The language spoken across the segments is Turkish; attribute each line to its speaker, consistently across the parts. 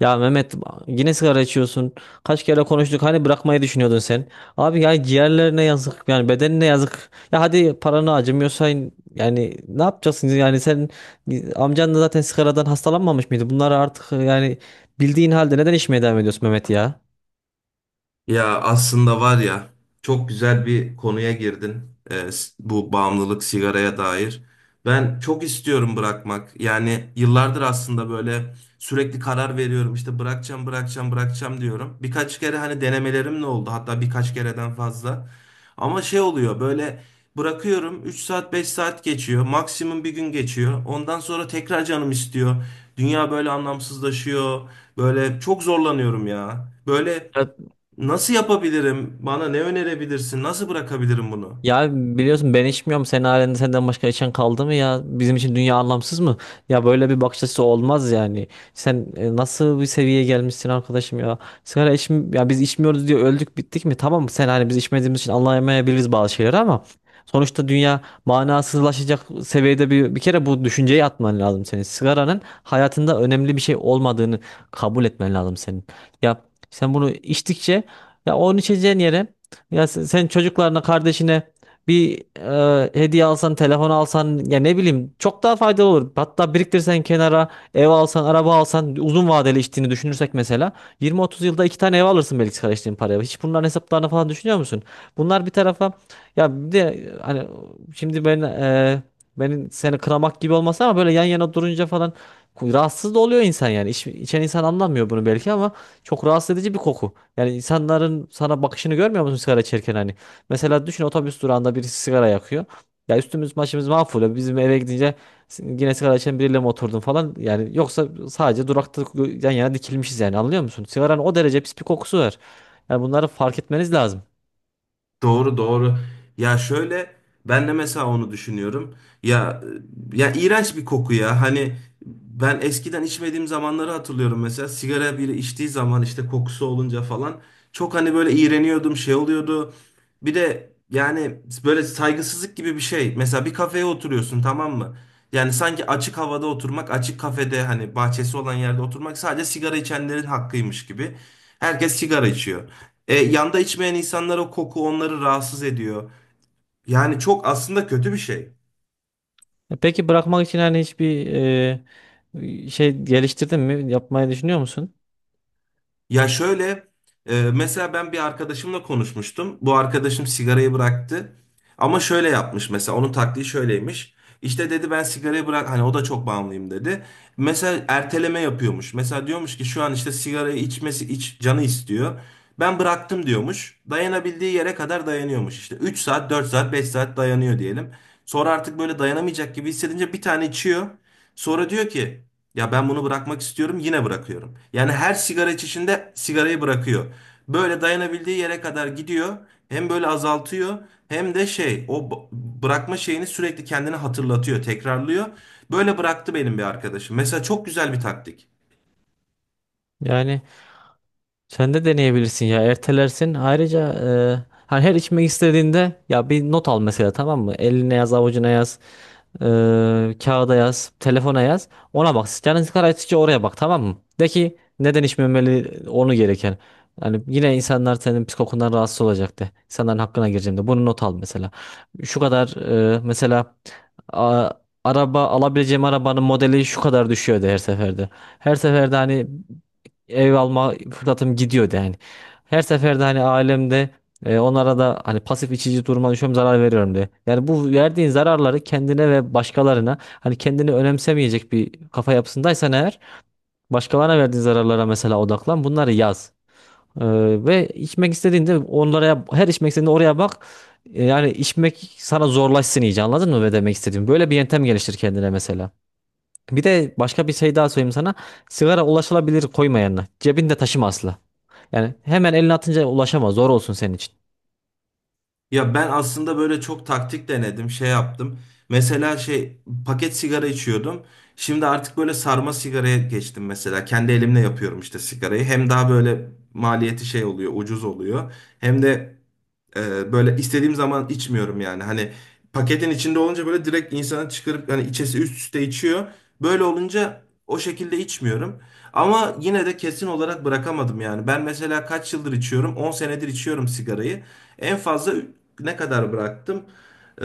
Speaker 1: Ya Mehmet yine sigara içiyorsun. Kaç kere konuştuk hani bırakmayı düşünüyordun sen. Abi yani ciğerlerine yazık yani bedenine yazık. Ya hadi paranı acımıyorsa yani ne yapacaksın yani sen amcan da zaten sigaradan hastalanmamış mıydı? Bunları artık yani bildiğin halde neden içmeye devam ediyorsun Mehmet ya?
Speaker 2: Ya aslında var ya, çok güzel bir konuya girdin. Bu bağımlılık sigaraya dair. Ben çok istiyorum bırakmak. Yani yıllardır aslında böyle sürekli karar veriyorum, İşte bırakacağım, bırakacağım, bırakacağım diyorum. Birkaç kere hani denemelerim ne oldu, hatta birkaç kereden fazla. Ama şey oluyor, böyle bırakıyorum, 3 saat 5 saat geçiyor, maksimum bir gün geçiyor. Ondan sonra tekrar canım istiyor. Dünya böyle anlamsızlaşıyor. Böyle çok zorlanıyorum ya.
Speaker 1: Ya
Speaker 2: Nasıl yapabilirim? Bana ne önerebilirsin? Nasıl bırakabilirim bunu?
Speaker 1: Ya biliyorsun ben içmiyorum. Senin halinde senden başka içen kaldı mı ya? Bizim için dünya anlamsız mı? Ya böyle bir bakış açısı olmaz yani. Sen nasıl bir seviyeye gelmişsin arkadaşım ya? Sigara içm ya biz içmiyoruz diye öldük bittik mi? Tamam sen hani biz içmediğimiz için anlayamayabiliriz bazı şeyleri ama sonuçta dünya manasızlaşacak seviyede bir kere bu düşünceyi atman lazım senin. Sigaranın hayatında önemli bir şey olmadığını kabul etmen lazım senin. Ya sen bunu içtikçe ya onu içeceğin yere ya sen çocuklarına, kardeşine bir hediye alsan, telefon alsan ya ne bileyim çok daha faydalı olur. Hatta biriktirsen kenara, ev alsan, araba alsan uzun vadeli içtiğini düşünürsek mesela 20-30 yılda iki tane ev alırsın belki karıştığın paraya. Hiç bunların hesaplarını falan düşünüyor musun? Bunlar bir tarafa ya bir de hani şimdi benim seni kınamak gibi olmasa ama böyle yan yana durunca falan rahatsız da oluyor insan yani. İç, içen insan anlamıyor bunu belki ama çok rahatsız edici bir koku. Yani insanların sana bakışını görmüyor musun sigara içerken hani? Mesela düşün otobüs durağında birisi sigara yakıyor. Ya üstümüz başımız mahvoluyor. Bizim eve gidince yine sigara içen biriyle mi oturdun falan. Yani yoksa sadece durakta yan yana dikilmişiz yani anlıyor musun? Sigaranın o derece pis bir kokusu var. Yani bunları fark etmeniz lazım.
Speaker 2: Doğru, doğru. Ya şöyle, ben de mesela onu düşünüyorum. Ya ya, iğrenç bir koku ya. Hani ben eskiden içmediğim zamanları hatırlıyorum, mesela sigara biri içtiği zaman işte kokusu olunca falan çok hani böyle iğreniyordum, şey oluyordu. Bir de yani böyle saygısızlık gibi bir şey. Mesela bir kafeye oturuyorsun, tamam mı? Yani sanki açık havada oturmak, açık kafede hani bahçesi olan yerde oturmak sadece sigara içenlerin hakkıymış gibi. Herkes sigara içiyor. Yanda içmeyen insanlara koku onları rahatsız ediyor. Yani çok aslında kötü bir şey.
Speaker 1: Peki bırakmak için hani hiçbir şey geliştirdin mi? Yapmayı düşünüyor musun?
Speaker 2: Ya şöyle, mesela ben bir arkadaşımla konuşmuştum. Bu arkadaşım sigarayı bıraktı. Ama şöyle yapmış, mesela onun taktiği şöyleymiş. İşte dedi, ben sigarayı bırak, hani o da çok bağımlıyım dedi. Mesela erteleme yapıyormuş. Mesela diyormuş ki şu an işte sigarayı içmesi canı istiyor. Ben bıraktım diyormuş. Dayanabildiği yere kadar dayanıyormuş. İşte 3 saat, 4 saat, 5 saat dayanıyor diyelim. Sonra artık böyle dayanamayacak gibi hissedince bir tane içiyor. Sonra diyor ki ya ben bunu bırakmak istiyorum, yine bırakıyorum. Yani her sigara içişinde sigarayı bırakıyor. Böyle dayanabildiği yere kadar gidiyor. Hem böyle azaltıyor, hem de bırakma şeyini sürekli kendine hatırlatıyor, tekrarlıyor. Böyle bıraktı benim bir arkadaşım. Mesela çok güzel bir taktik.
Speaker 1: Yani sen de deneyebilirsin ya ertelersin. Ayrıca e, hani her içmek istediğinde ya bir not al mesela tamam mı? Eline yaz, avucuna yaz, e, kağıda yaz, telefona yaz. Ona bak. Canın sıkıldıkça oraya bak tamam mı? De ki neden içmemeli onu gereken. Yani yine insanlar senin psikokundan rahatsız olacak de. İnsanların hakkına gireceğim de. Bunu not al mesela. Şu kadar mesela a- araba alabileceğim arabanın modeli şu kadar düşüyordu her seferde. Her seferde hani ev alma fırsatım gidiyordu yani. Her seferde hani ailemde onlara da hani pasif içici duruma düşüyorum zarar veriyorum diye. Yani bu verdiğin zararları kendine ve başkalarına hani kendini önemsemeyecek bir kafa yapısındaysan eğer başkalarına verdiğin zararlara mesela odaklan bunları yaz. E, ve içmek istediğinde onlara her içmek istediğinde oraya bak. Yani içmek sana zorlaşsın iyice anladın mı ne demek istediğim? Böyle bir yöntem geliştir kendine mesela. Bir de başka bir şey daha söyleyeyim sana. Sigara ulaşılabilir koyma yanına. Cebinde taşıma asla. Yani hemen eline atınca ulaşamaz. Zor olsun senin için.
Speaker 2: Ya ben aslında böyle çok taktik denedim, şey yaptım. Mesela paket sigara içiyordum. Şimdi artık böyle sarma sigaraya geçtim mesela. Kendi elimle yapıyorum işte sigarayı. Hem daha böyle maliyeti şey oluyor, ucuz oluyor. Hem de böyle istediğim zaman içmiyorum yani. Hani paketin içinde olunca böyle direkt insanı çıkarıp yani içesi üst üste içiyor. Böyle olunca o şekilde içmiyorum. Ama yine de kesin olarak bırakamadım yani. Ben mesela kaç yıldır içiyorum? 10 senedir içiyorum sigarayı. En fazla ne kadar bıraktım? Ee,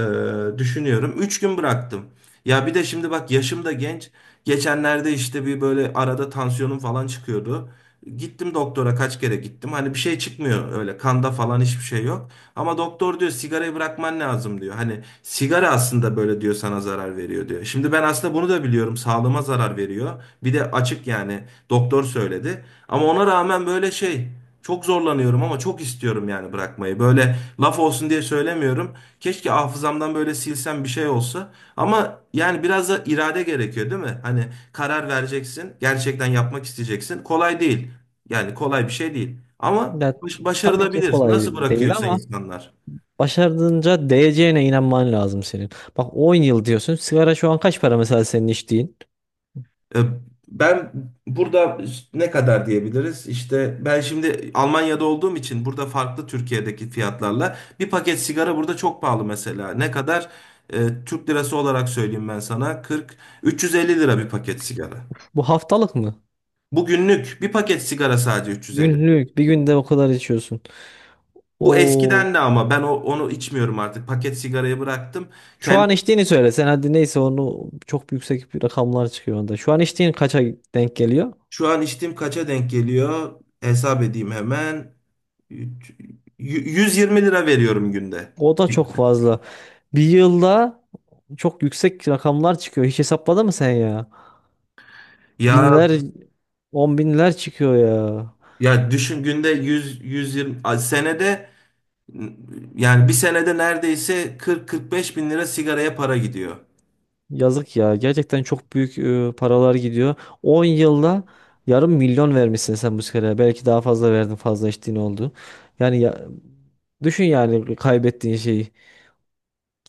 Speaker 2: Düşünüyorum. 3 gün bıraktım. Ya bir de şimdi bak, yaşım da genç. Geçenlerde işte bir böyle arada tansiyonum falan çıkıyordu. Gittim doktora, kaç kere gittim. Hani bir şey çıkmıyor öyle, kanda falan hiçbir şey yok. Ama doktor diyor sigarayı bırakman lazım diyor. Hani sigara aslında böyle diyor, sana zarar veriyor diyor. Şimdi ben aslında bunu da biliyorum, sağlığıma zarar veriyor. Bir de açık yani, doktor söyledi. Ama ona rağmen böyle şey, çok zorlanıyorum ama çok istiyorum yani bırakmayı. Böyle laf olsun diye söylemiyorum. Keşke hafızamdan böyle silsem, bir şey olsa. Ama yani biraz da irade gerekiyor, değil mi? Hani karar vereceksin, gerçekten yapmak isteyeceksin. Kolay değil. Yani kolay bir şey değil. Ama
Speaker 1: Ya, tabii ki
Speaker 2: başarılabilir.
Speaker 1: kolay
Speaker 2: Nasıl
Speaker 1: değil
Speaker 2: bırakıyorsa
Speaker 1: ama
Speaker 2: insanlar.
Speaker 1: başardığınca değeceğine inanman lazım senin. Bak 10 yıl diyorsun. Sigara şu an kaç para mesela senin içtiğin?
Speaker 2: E, Ben burada ne kadar diyebiliriz? İşte ben şimdi Almanya'da olduğum için burada farklı, Türkiye'deki fiyatlarla bir paket sigara burada çok pahalı mesela. Ne kadar? Türk lirası olarak söyleyeyim ben sana. 40 350 lira bir paket sigara.
Speaker 1: Bu haftalık mı?
Speaker 2: Bugünlük bir paket sigara sadece 350.
Speaker 1: Günlük. Bir günde o kadar içiyorsun.
Speaker 2: Bu
Speaker 1: O
Speaker 2: eskiden de ama ben onu içmiyorum artık. Paket sigarayı bıraktım.
Speaker 1: Şu an içtiğini söyle. Sen hadi neyse onu çok yüksek bir rakamlar çıkıyor onda. Şu an içtiğin kaça denk geliyor?
Speaker 2: Şu an içtiğim kaça denk geliyor? Hesap edeyim hemen. Üç- 120 lira veriyorum günde.
Speaker 1: O da çok fazla. Bir yılda çok yüksek rakamlar çıkıyor. Hiç hesapladın mı sen ya?
Speaker 2: Ya
Speaker 1: Binler, on binler çıkıyor ya.
Speaker 2: ya, düşün günde 100 120, ay senede yani bir senede neredeyse 40-45 bin lira sigaraya para gidiyor.
Speaker 1: Yazık ya. Gerçekten çok büyük paralar gidiyor. 10 yılda yarım milyon vermişsin sen bu muskeraya. Belki daha fazla verdin, fazla içtiğin oldu. Yani ya, düşün yani kaybettiğin şeyi.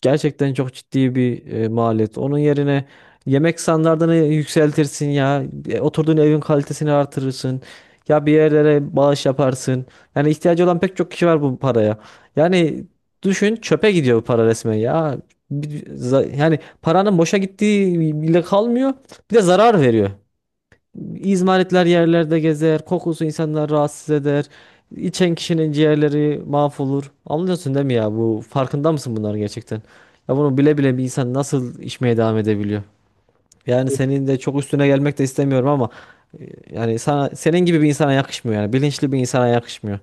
Speaker 1: Gerçekten çok ciddi bir maliyet. Onun yerine yemek standartını yükseltirsin ya. Oturduğun evin kalitesini artırırsın. Ya bir yerlere bağış yaparsın. Yani ihtiyacı olan pek çok kişi var bu paraya. Yani düşün çöpe gidiyor bu para resmen ya. Yani paranın boşa gittiği bile kalmıyor. Bir de zarar veriyor. İzmaritler yerlerde gezer, kokusu insanları rahatsız eder. İçen kişinin ciğerleri mahvolur. Anlıyorsun değil mi ya? Bu farkında mısın bunların gerçekten? Ya bunu bile bile bir insan nasıl içmeye devam edebiliyor? Yani senin de çok üstüne gelmek de istemiyorum ama yani sana senin gibi bir insana yakışmıyor yani bilinçli bir insana yakışmıyor.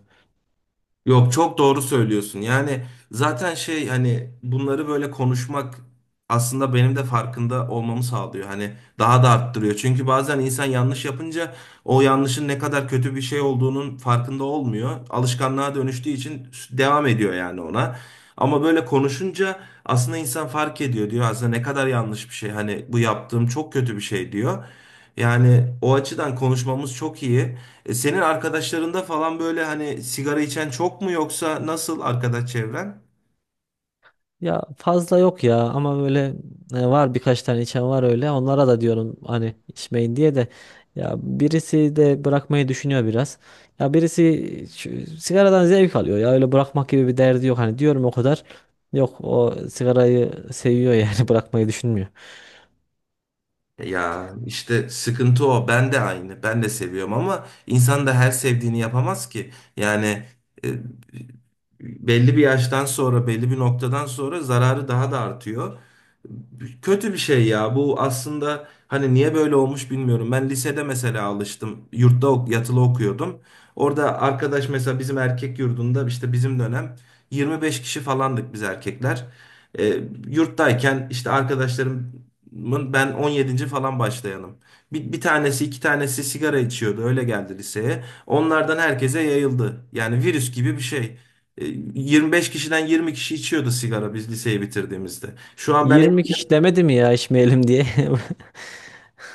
Speaker 2: Yok, çok doğru söylüyorsun. Yani zaten şey, hani bunları böyle konuşmak aslında benim de farkında olmamı sağlıyor. Hani daha da arttırıyor. Çünkü bazen insan yanlış yapınca o yanlışın ne kadar kötü bir şey olduğunun farkında olmuyor. Alışkanlığa dönüştüğü için devam ediyor yani ona. Ama böyle konuşunca aslında insan fark ediyor, diyor aslında ne kadar yanlış bir şey. Hani bu yaptığım çok kötü bir şey diyor. Yani o açıdan konuşmamız çok iyi. Senin arkadaşlarında falan böyle hani sigara içen çok mu, yoksa nasıl arkadaş çevren?
Speaker 1: Ya fazla yok ya ama böyle var birkaç tane içen var öyle. Onlara da diyorum hani içmeyin diye de ya birisi de bırakmayı düşünüyor biraz. Ya birisi sigaradan zevk alıyor ya öyle bırakmak gibi bir derdi yok hani diyorum o kadar. Yok o sigarayı seviyor yani bırakmayı düşünmüyor.
Speaker 2: Ya işte sıkıntı o. Ben de aynı. Ben de seviyorum ama insan da her sevdiğini yapamaz ki. Yani e, belli bir yaştan sonra, belli bir noktadan sonra zararı daha da artıyor. Kötü bir şey ya. Bu aslında hani niye böyle olmuş bilmiyorum. Ben lisede mesela alıştım. Yurtta yatılı okuyordum. Orada arkadaş, mesela bizim erkek yurdunda işte bizim dönem 25 kişi falandık biz erkekler. E, Yurttayken işte arkadaşlarım, ben 17. falan başlayanım. Bir tanesi iki tanesi sigara içiyordu. Öyle geldi liseye. Onlardan herkese yayıldı. Yani virüs gibi bir şey. E, 25 kişiden 20 kişi içiyordu sigara biz liseyi bitirdiğimizde. Şu an ben.
Speaker 1: 20 kişi demedi mi ya içmeyelim diye.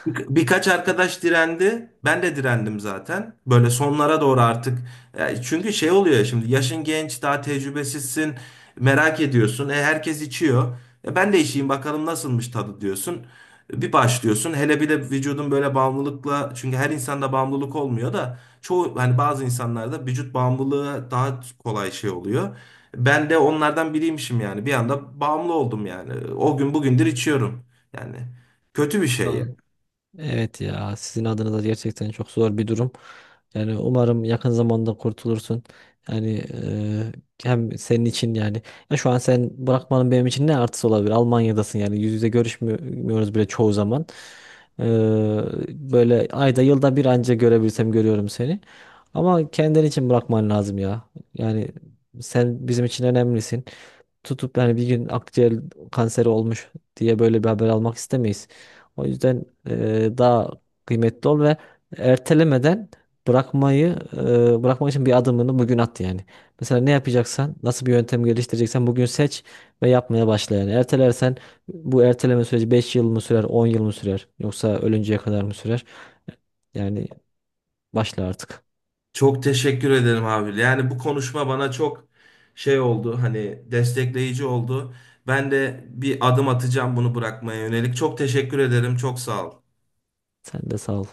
Speaker 2: Birkaç arkadaş direndi. Ben de direndim zaten. Böyle sonlara doğru artık. Çünkü şey oluyor ya, şimdi yaşın genç, daha tecrübesizsin. Merak ediyorsun. Herkes içiyor. Ben de içeyim bakalım nasılmış tadı diyorsun. Bir başlıyorsun. Hele bir de vücudun böyle bağımlılıkla, çünkü her insanda bağımlılık olmuyor da çoğu hani bazı insanlarda vücut bağımlılığı daha kolay şey oluyor. Ben de onlardan biriymişim yani. Bir anda bağımlı oldum yani. O gün bugündür içiyorum. Yani kötü bir
Speaker 1: Aa.
Speaker 2: şey.
Speaker 1: Evet ya sizin adınıza gerçekten çok zor bir durum. Yani umarım yakın zamanda kurtulursun. Yani hem senin için yani ya şu an sen bırakmanın benim için ne artısı olabilir? Almanya'dasın yani yüz yüze görüşmüyoruz bile çoğu zaman. Eee, Böyle ayda yılda bir anca görebilsem görüyorum seni. Ama kendin için bırakman lazım ya. Yani sen bizim için önemlisin. Tutup yani bir gün akciğer kanseri olmuş diye böyle bir haber almak istemeyiz. O yüzden daha kıymetli ol ve ertelemeden bırakmak için bir adımını bugün at yani. Mesela ne yapacaksan, nasıl bir yöntem geliştireceksen bugün seç ve yapmaya başla yani. Ertelersen bu erteleme süreci 5 yıl mı sürer, 10 yıl mı sürer yoksa ölünceye kadar mı sürer? Yani başla artık.
Speaker 2: Çok teşekkür ederim abi. Yani bu konuşma bana çok şey oldu. Hani destekleyici oldu. Ben de bir adım atacağım bunu bırakmaya yönelik. Çok teşekkür ederim. Çok sağ ol.
Speaker 1: Sen de sağ ol.